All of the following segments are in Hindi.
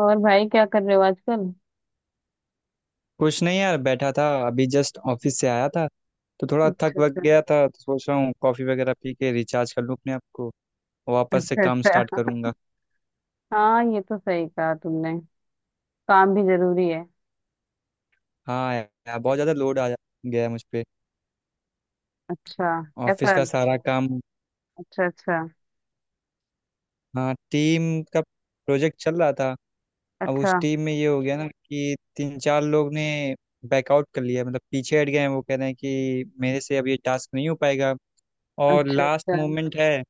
और भाई, क्या कर रहे हो आजकल। कुछ नहीं यार, बैठा था। अभी जस्ट ऑफिस से आया था तो थोड़ा थक अच्छा, वक अच्छा। गया था। तो सोच रहा हूँ कॉफ़ी वगैरह पी के रिचार्ज कर लूँ अपने आप को। वापस से अच्छा, काम स्टार्ट अच्छा। करूँगा। हाँ, ये तो सही कहा तुमने। काम भी जरूरी है। हाँ यार, बहुत ज़्यादा लोड आ गया है मुझ पे। अच्छा, ऑफिस कैसा? का सारा काम। अच्छा, अच्छा। हाँ, टीम का प्रोजेक्ट चल रहा था। अब उस अच्छा, टीम में ये हो गया ना कि तीन चार लोग ने बैकआउट कर लिया, मतलब पीछे हट गए हैं। वो कह रहे हैं कि मेरे से अब ये टास्क नहीं हो पाएगा, और अच्छा। लास्ट अच्छा, मोमेंट है।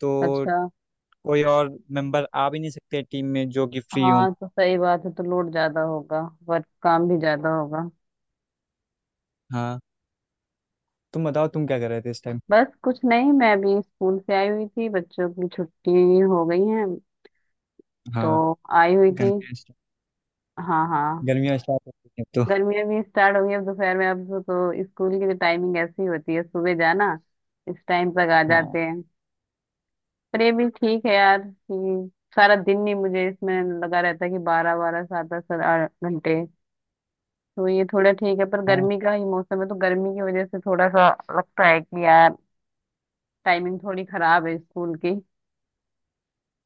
तो अच्छा। कोई और मेंबर आ भी नहीं सकते टीम में जो कि फ्री हो। हाँ, तो सही बात है, तो लोड ज्यादा होगा। वर्क, काम भी ज्यादा होगा। हाँ। तुम बताओ तुम क्या कर रहे थे इस टाइम। बस कुछ नहीं, मैं अभी स्कूल से आई हुई थी, बच्चों की छुट्टी हो गई है। तो हाँ, आई हुई थी। गर्मियाँ स्टा- हाँ, हाँ। गर्मियाँ स्टार्ट हो गई हैं तो। गर्मियाँ भी स्टार्ट हो गई, अब दोपहर में, अब तो स्कूल की जो टाइमिंग ऐसी होती है, सुबह जाना, इस टाइम तक आ हाँ, जाते हैं। पर ये भी ठीक है यार, कि सारा दिन नहीं मुझे इसमें लगा रहता है, कि बारह बारह सात दस घंटे। तो ये थोड़ा ठीक है, पर हाँ। गर्मी का ही मौसम है, तो गर्मी की वजह से थोड़ा सा लगता है कि यार टाइमिंग थोड़ी खराब है स्कूल की।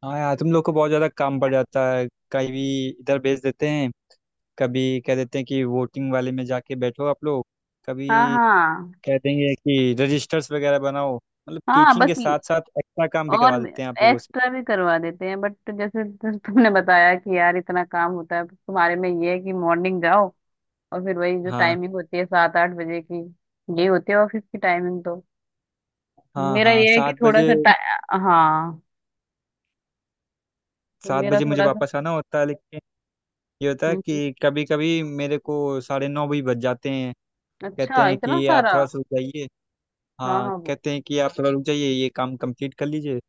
हाँ यार, तुम लोग को बहुत ज़्यादा काम पड़ जाता है। कभी इधर भेज देते हैं, कभी कह देते हैं कि वोटिंग वाले में जाके बैठो आप लोग, हाँ, कभी हाँ। कह देंगे कि रजिस्टर्स वगैरह बनाओ। मतलब हाँ, टीचिंग बस के ये। साथ साथ एक्स्ट्रा काम भी और करवा देते हैं आप लोगों से। एक्स्ट्रा भी करवा देते हैं, बट जैसे तुमने बताया कि यार इतना काम होता है तुम्हारे में, ये है कि मॉर्निंग जाओ, और फिर वही जो हाँ, टाइमिंग होती है 7-8 बजे की, ये होती है ऑफिस की टाइमिंग। तो हाँ। मेरा हाँ, ये है कि सात थोड़ा बजे सा हाँ, तो सात मेरा बजे मुझे थोड़ा सा। वापस आना होता है, लेकिन ये होता है हम्म, हम्म। कि कभी कभी मेरे को 9:30 भी बज जाते हैं। कहते अच्छा, हैं इतना कि आप सारा। थोड़ा सा जाइए। हाँ, हाँ, हाँ, वो। कहते हैं कि आप थोड़ा रुक जाइए, ये काम कंप्लीट कर लीजिए,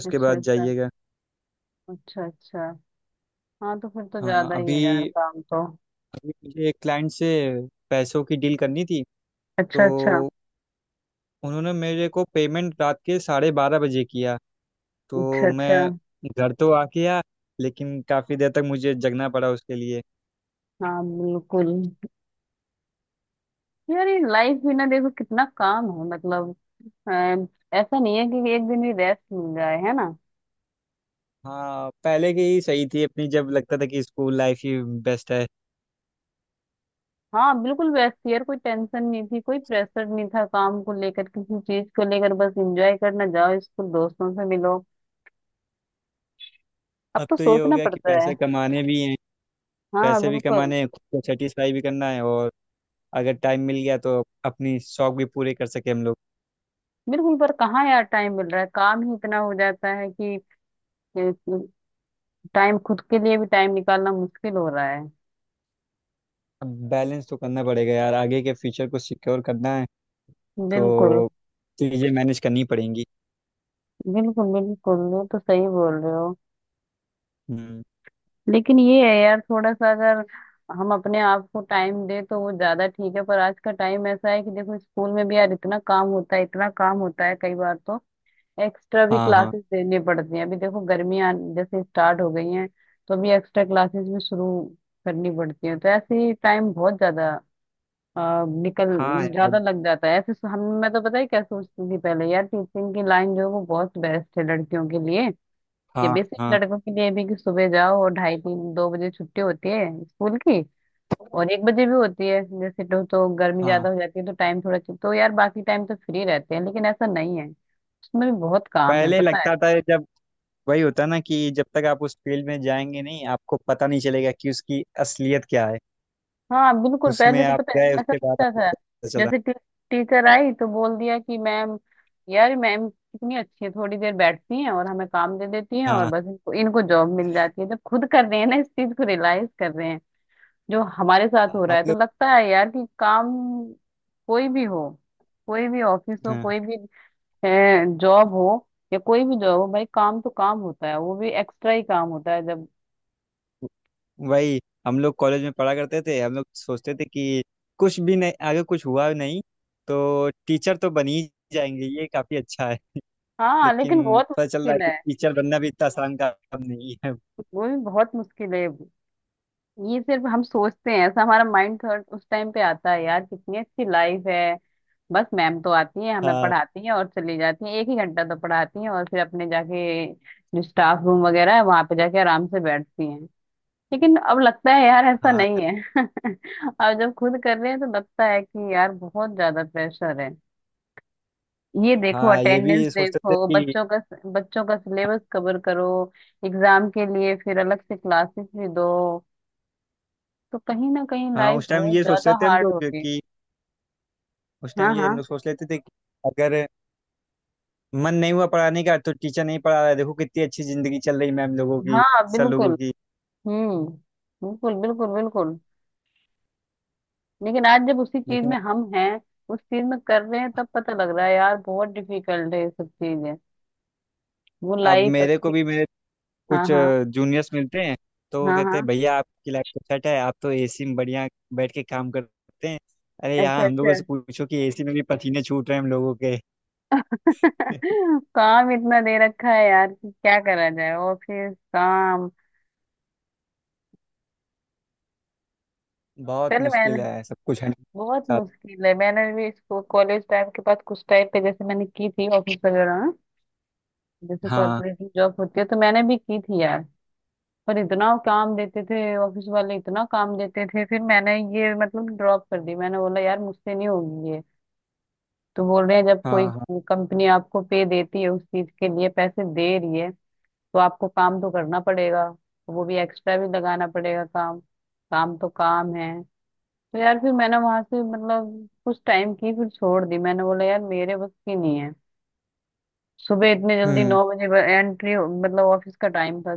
उसके अच्छा, बाद अच्छा। जाइएगा। अच्छा, अच्छा। हाँ, तो फिर तो हाँ। ज्यादा ही है यार अभी काम तो। अभी मुझे एक क्लाइंट से पैसों की डील करनी थी। तो अच्छा, अच्छा। उन्होंने मेरे को पेमेंट रात के 12:30 बजे किया। अच्छा, तो अच्छा। मैं घर तो आ गया, लेकिन काफ़ी देर तक मुझे जगना पड़ा उसके लिए। हाँ, बिल्कुल। यार ये लाइफ भी ना, देखो कितना काम है, मतलब, अ, ऐसा नहीं है कि एक दिन भी रेस्ट मिल जाए, है ना। हाँ, पहले की ही सही थी अपनी, जब लगता था कि स्कूल लाइफ ही बेस्ट है। हाँ, बिल्कुल व्यस्त थी यार, कोई टेंशन नहीं थी, कोई प्रेशर नहीं था, काम को लेकर, किसी चीज को लेकर, बस एंजॉय करना, जाओ स्कूल, दोस्तों से मिलो। अब अब तो तो ये हो सोचना गया कि पड़ता है। पैसे कमाने भी हैं। हाँ, पैसे भी बिल्कुल। कमाने हैं, खुद को सेटिस्फाई भी करना है, और अगर टाइम मिल गया तो अपनी शौक भी पूरे कर सके हम लोग। बिल्कुल, पर कहाँ यार टाइम मिल रहा है, काम ही इतना हो जाता है, कि टाइम, खुद के लिए भी टाइम निकालना मुश्किल हो रहा है। अब बैलेंस तो करना पड़ेगा यार, आगे के फ्यूचर को सिक्योर करना है। बिल्कुल, तो चीज़ें मैनेज करनी पड़ेंगी। बिल्कुल, बिल्कुल, ये तो सही बोल रहे हो। हम्म। लेकिन ये है यार, थोड़ा सा अगर हम अपने आप को टाइम दे तो वो ज्यादा ठीक है, पर आज का टाइम ऐसा है कि देखो स्कूल में भी यार इतना काम होता है, इतना काम होता है, कई बार तो एक्स्ट्रा भी हाँ, हाँ। क्लासेस देनी पड़ती हैं। अभी देखो, गर्मियां जैसे स्टार्ट हो गई हैं, तो अभी एक्स्ट्रा क्लासेस भी शुरू करनी पड़ती हैं, तो ऐसे ही टाइम बहुत ज्यादा, निकल, हाँ यार। ज्यादा लग जाता है। हम, मैं तो पता है क्या सोचती थी पहले यार, टीचिंग की लाइन जो है वो बहुत बेस्ट है लड़कियों के लिए, ये हाँ, बेसिक हाँ। लड़कों के लिए भी, कि सुबह जाओ, और ढाई तीन दो बजे छुट्टी होती है स्कूल की, और 1 बजे भी होती है जैसे। तो गर्मी हाँ, ज्यादा हो जाती है, तो टाइम थोड़ा, तो यार बाकी टाइम तो फ्री रहते हैं, लेकिन ऐसा नहीं है, उसमें भी बहुत काम है, पहले पता है। लगता था जब, वही होता ना कि जब तक आप उस फील्ड में जाएंगे नहीं, आपको पता नहीं चलेगा कि उसकी असलियत क्या है। हाँ, बिल्कुल, उसमें पहले तो आप पता है गए, ऐसा उसके बाद लगता आपको था, पता चला। जैसे टीचर आई तो बोल दिया कि मैम, यार मैम कितनी अच्छी है, थोड़ी देर बैठती हैं और हमें काम दे देती हैं, और हाँ। बस इनको जॉब मिल जाती है। जब खुद कर रहे हैं ना, इस चीज को रियलाइज कर रहे हैं, जो हमारे साथ हो हम रहा है, लोग। तो लगता है यार कि काम कोई भी हो, कोई भी ऑफिस हो, हाँ, कोई भी जॉब हो, भाई काम तो काम होता है, वो भी एक्स्ट्रा ही काम होता है जब। वही। हम लोग कॉलेज में पढ़ा करते थे, हम लोग सोचते थे कि कुछ भी नहीं, आगे कुछ हुआ नहीं तो टीचर तो बन ही जाएंगे, ये काफी अच्छा है। हाँ, लेकिन लेकिन बहुत पता चल रहा है मुश्किल कि है। टीचर बनना भी इतना आसान काम नहीं है। वो भी बहुत मुश्किल है, ये सिर्फ हम सोचते हैं, ऐसा हमारा माइंड थॉट उस टाइम पे आता है, यार कितनी अच्छी लाइफ है, बस मैम तो आती है, हमें हाँ, पढ़ाती हैं और चली जाती हैं, एक ही घंटा तो पढ़ाती हैं, और फिर अपने जाके जो स्टाफ रूम वगैरह है वहां पे जाके आराम से बैठती हैं। लेकिन अब लगता है यार, ऐसा हाँ। नहीं है। अब जब खुद कर रहे हैं तो लगता है कि यार बहुत ज्यादा प्रेशर है। ये देखो हाँ, ये अटेंडेंस भी सोचते थे देखो कि, बच्चों का, बच्चों का सिलेबस कवर करो, एग्जाम के लिए फिर अलग से क्लासेस भी दो, तो कहीं ना कहीं हाँ लाइफ उस टाइम बहुत ये सोचते ज्यादा थे हम हार्ड लोग हो गई। कि, उस टाइम हाँ, ये हम हाँ। लोग सोच लेते थे कि अगर मन नहीं हुआ पढ़ाने का तो टीचर नहीं पढ़ा रहा है। देखो कितनी अच्छी जिंदगी चल रही मैम लोगों की, हाँ, सर लोगों बिल्कुल। की। हम्म। बिल्कुल, बिल्कुल, बिल्कुल। लेकिन आज जब उसी चीज लेकिन में हम हैं, उस चीज में कर रहे हैं, तब पता लग रहा है यार बहुत डिफिकल्ट है ये सब चीजें। वो अब लाइफ मेरे को अच्छी। भी मेरे हाँ, कुछ हाँ। जूनियर्स मिलते हैं, तो वो हाँ, कहते हैं हाँ। भैया आपकी लाइफ तो सेट है, आप तो एसी में बढ़िया बैठ के काम करते हैं। अरे यार, अच्छा, हम लोगों अच्छा। से पूछो कि एसी में भी पसीने छूट रहे हैं हम लोगों के। काम इतना दे रखा है यार कि क्या करा जाए, ऑफिस काम। बहुत पहले मैंने, मुश्किल है, सब कुछ है बहुत साथ। मुश्किल है, मैंने भी इसको कॉलेज टाइम के बाद कुछ टाइम पे जैसे मैंने की थी ऑफिस वगैरह में, जैसे हाँ, कॉर्पोरेट में जॉब होती है, तो मैंने भी की थी यार। पर इतना काम देते थे ऑफिस वाले, इतना काम देते थे, फिर मैंने ये मतलब ड्रॉप कर दी, मैंने बोला यार मुझसे नहीं होगी ये। तो बोल रहे हैं, जब हाँ। कोई हाँ। कंपनी आपको पे देती है, उस चीज के लिए पैसे दे रही है, तो आपको काम तो करना पड़ेगा, वो भी एक्स्ट्रा भी लगाना पड़ेगा काम, काम तो काम है। तो यार फिर मैंने वहां से मतलब कुछ टाइम की फिर छोड़ दी, मैंने बोला यार मेरे बस की नहीं है। सुबह इतने जल्दी नौ हम्म। बजे एंट्री, मतलब ऑफिस का टाइम था,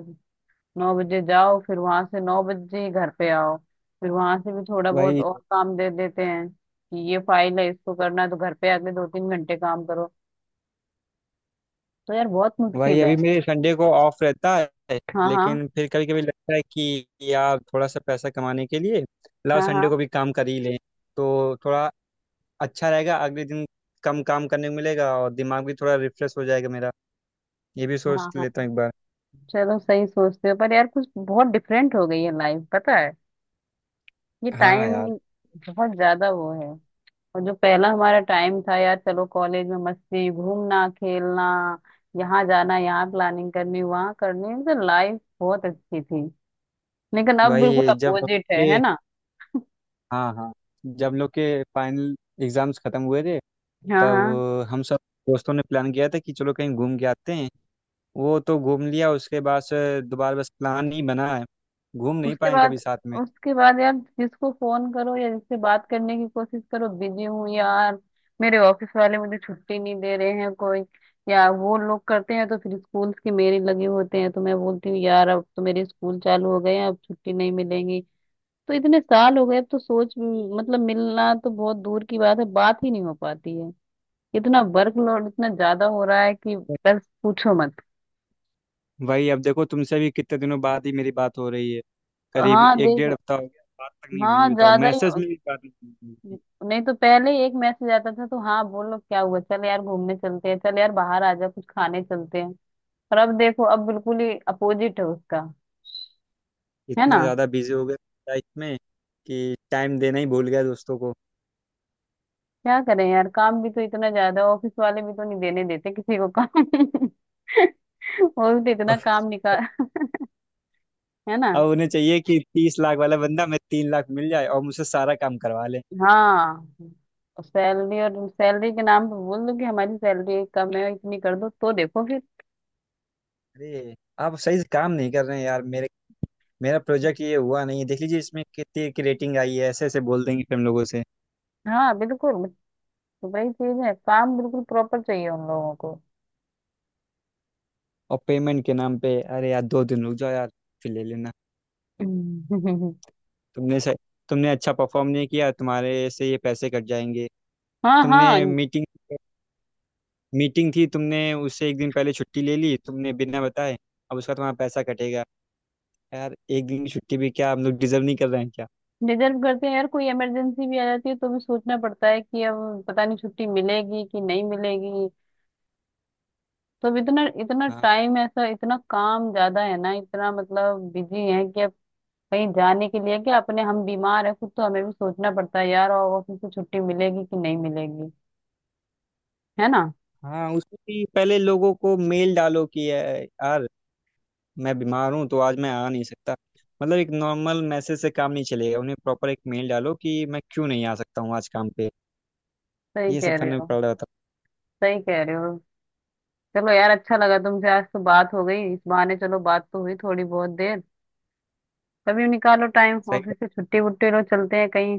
9 बजे जाओ, फिर वहां से 9 बजे ही घर पे आओ, फिर वहां से भी थोड़ा बहुत वही, और काम दे देते हैं कि ये फाइल है, इसको करना है, तो घर पे आके 2-3 घंटे काम करो। तो यार बहुत मुश्किल अभी है। मेरे संडे को ऑफ रहता है। हाँ, हाँ। लेकिन फिर कभी कभी लगता है कि यार थोड़ा सा पैसा कमाने के लिए लाओ हाँ, संडे हाँ। को भी काम कर ही लें। तो थोड़ा अच्छा रहेगा, अगले दिन कम काम करने को मिलेगा और दिमाग भी थोड़ा रिफ्रेश हो जाएगा मेरा। ये भी सोच हाँ, हाँ। लेता हूँ एक बार। चलो, सही सोचते हो, पर यार कुछ बहुत डिफरेंट हो गई है लाइफ, पता है। ये हाँ टाइम यार। बहुत ज्यादा वो है, और जो पहला हमारा टाइम था यार, चलो कॉलेज में मस्ती, घूमना, खेलना, यहाँ जाना, यहाँ प्लानिंग करनी, वहाँ करनी, मतलब लाइफ बहुत अच्छी थी, लेकिन अब बिल्कुल वही, जब हम लोग अपोजिट है के ना। हाँ, हाँ। जब हम लोग के फाइनल एग्जाम्स खत्म हुए थे, हाँ, हाँ। तब हम सब दोस्तों ने प्लान किया था कि चलो कहीं घूम के आते हैं। वो तो घूम लिया, उसके बाद से दोबारा बस प्लान ही बना है, घूम नहीं उसके पाए कभी बाद, साथ में। उसके बाद यार जिसको फोन करो या जिससे बात करने की कोशिश करो, बिजी हूँ यार, मेरे ऑफिस वाले मुझे छुट्टी नहीं दे रहे हैं कोई, या वो लोग करते हैं तो फिर स्कूल के मेरे लगे होते हैं, तो मैं बोलती हूँ यार अब तो मेरे स्कूल चालू हो गए हैं, अब छुट्टी नहीं मिलेंगी, तो इतने साल हो गए, अब तो सोच, मतलब मिलना तो बहुत दूर की बात है, बात ही नहीं हो पाती है। इतना वर्कलोड इतना ज्यादा हो रहा है कि बस पूछो मत। वही, अब देखो तुमसे भी कितने दिनों बाद ही मेरी बात हो रही है। करीब हाँ, एक डेढ़ देख। हफ्ता हो गया, बात तक नहीं हाँ हुई। बताओ, ज्यादा ही मैसेज हो- में भी बात नहीं हुई थी। नहीं तो पहले एक मैसेज आता था तो हाँ बोलो क्या हुआ, चल यार घूमने चलते हैं, चल यार बाहर आ जा कुछ खाने चलते हैं, पर अब देखो, अब बिल्कुल ही अपोजिट है उसका, है ना। इतना ज़्यादा बिजी हो गया लाइफ में कि टाइम देना ही भूल गया दोस्तों को। क्या करें यार, काम भी तो इतना ज्यादा, ऑफिस वाले भी तो नहीं देने देते किसी को काम। वो भी तो इतना काम और निकाल, है ना। अब उन्हें चाहिए कि 30 लाख वाला बंदा मैं 3 लाख मिल जाए और मुझसे सारा काम करवा ले। हाँ, सैलरी, और सैलरी के नाम पे बोल दो कि हमारी सैलरी कम है, इतनी कर दो, तो देखो फिर। अरे, आप सही से काम नहीं कर रहे हैं यार। मेरे मेरा प्रोजेक्ट ये हुआ नहीं है, देख लीजिए इसमें कितनी की रेटिंग आई है। ऐसे ऐसे बोल देंगे फिर हम लोगों से। हाँ, बिल्कुल, तो वही चीज है, काम बिल्कुल प्रॉपर चाहिए उन लोगों को। और पेमेंट के नाम पे, अरे यार 2 दिन रुक जाओ यार, फिर ले लेना। हम्म। तुमने सही तुमने अच्छा परफॉर्म नहीं किया, तुम्हारे से ये पैसे कट जाएंगे। हाँ, तुमने हाँ। मीटिंग मीटिंग थी, तुमने उससे एक दिन पहले छुट्टी ले ली तुमने, बिना बताए। अब उसका तुम्हारा पैसा कटेगा। यार एक दिन की छुट्टी भी क्या हम लोग डिजर्व नहीं कर रहे हैं? रिजर्व करते हैं यार, कोई इमरजेंसी भी आ जाती है तो भी सोचना पड़ता है कि अब पता नहीं छुट्टी मिलेगी कि नहीं मिलेगी। तो अब इतना इतना क्या? टाइम ऐसा, इतना काम ज्यादा है ना, इतना मतलब बिजी है कि अब कहीं जाने के लिए, कि अपने हम बीमार है खुद, तो हमें भी सोचना पड़ता है यार और ऑफिस से छुट्टी मिलेगी कि नहीं मिलेगी, है ना। हाँ, उसमें भी पहले लोगों को मेल डालो कि "ए, यार मैं बीमार हूँ तो आज मैं आ नहीं सकता।" मतलब एक नॉर्मल मैसेज से काम नहीं चलेगा, उन्हें प्रॉपर एक मेल डालो कि मैं क्यों नहीं आ सकता हूँ आज काम पे। सही ये सब कह रहे करने में हो। पड़ रहा था। सही कह रहे हो। चलो यार, अच्छा लगा तुमसे आज तो बात हो गई, इस बहाने चलो बात तो हुई थोड़ी बहुत देर। कभी निकालो टाइम, सही ऑफिस से है। छुट्टी वुट्टी लो, चलते हैं कहीं,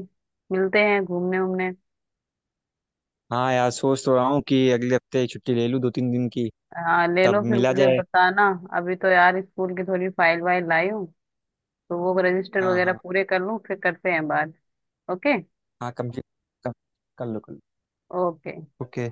मिलते हैं, घूमने उमने। हाँ यार, सोच तो रहा हूँ कि अगले हफ्ते छुट्टी ले लूँ 2-3 दिन की, हाँ, ले लो, तब फिर मिला मुझे जाए। बताना। अभी तो यार स्कूल की थोड़ी फाइल वाइल लाई हूँ, तो वो रजिस्टर हाँ, वगैरह हाँ। पूरे कर लूँ, फिर करते हैं बात। ओके। हाँ, कम से कम कर लो, कर लो। ओके। ओके।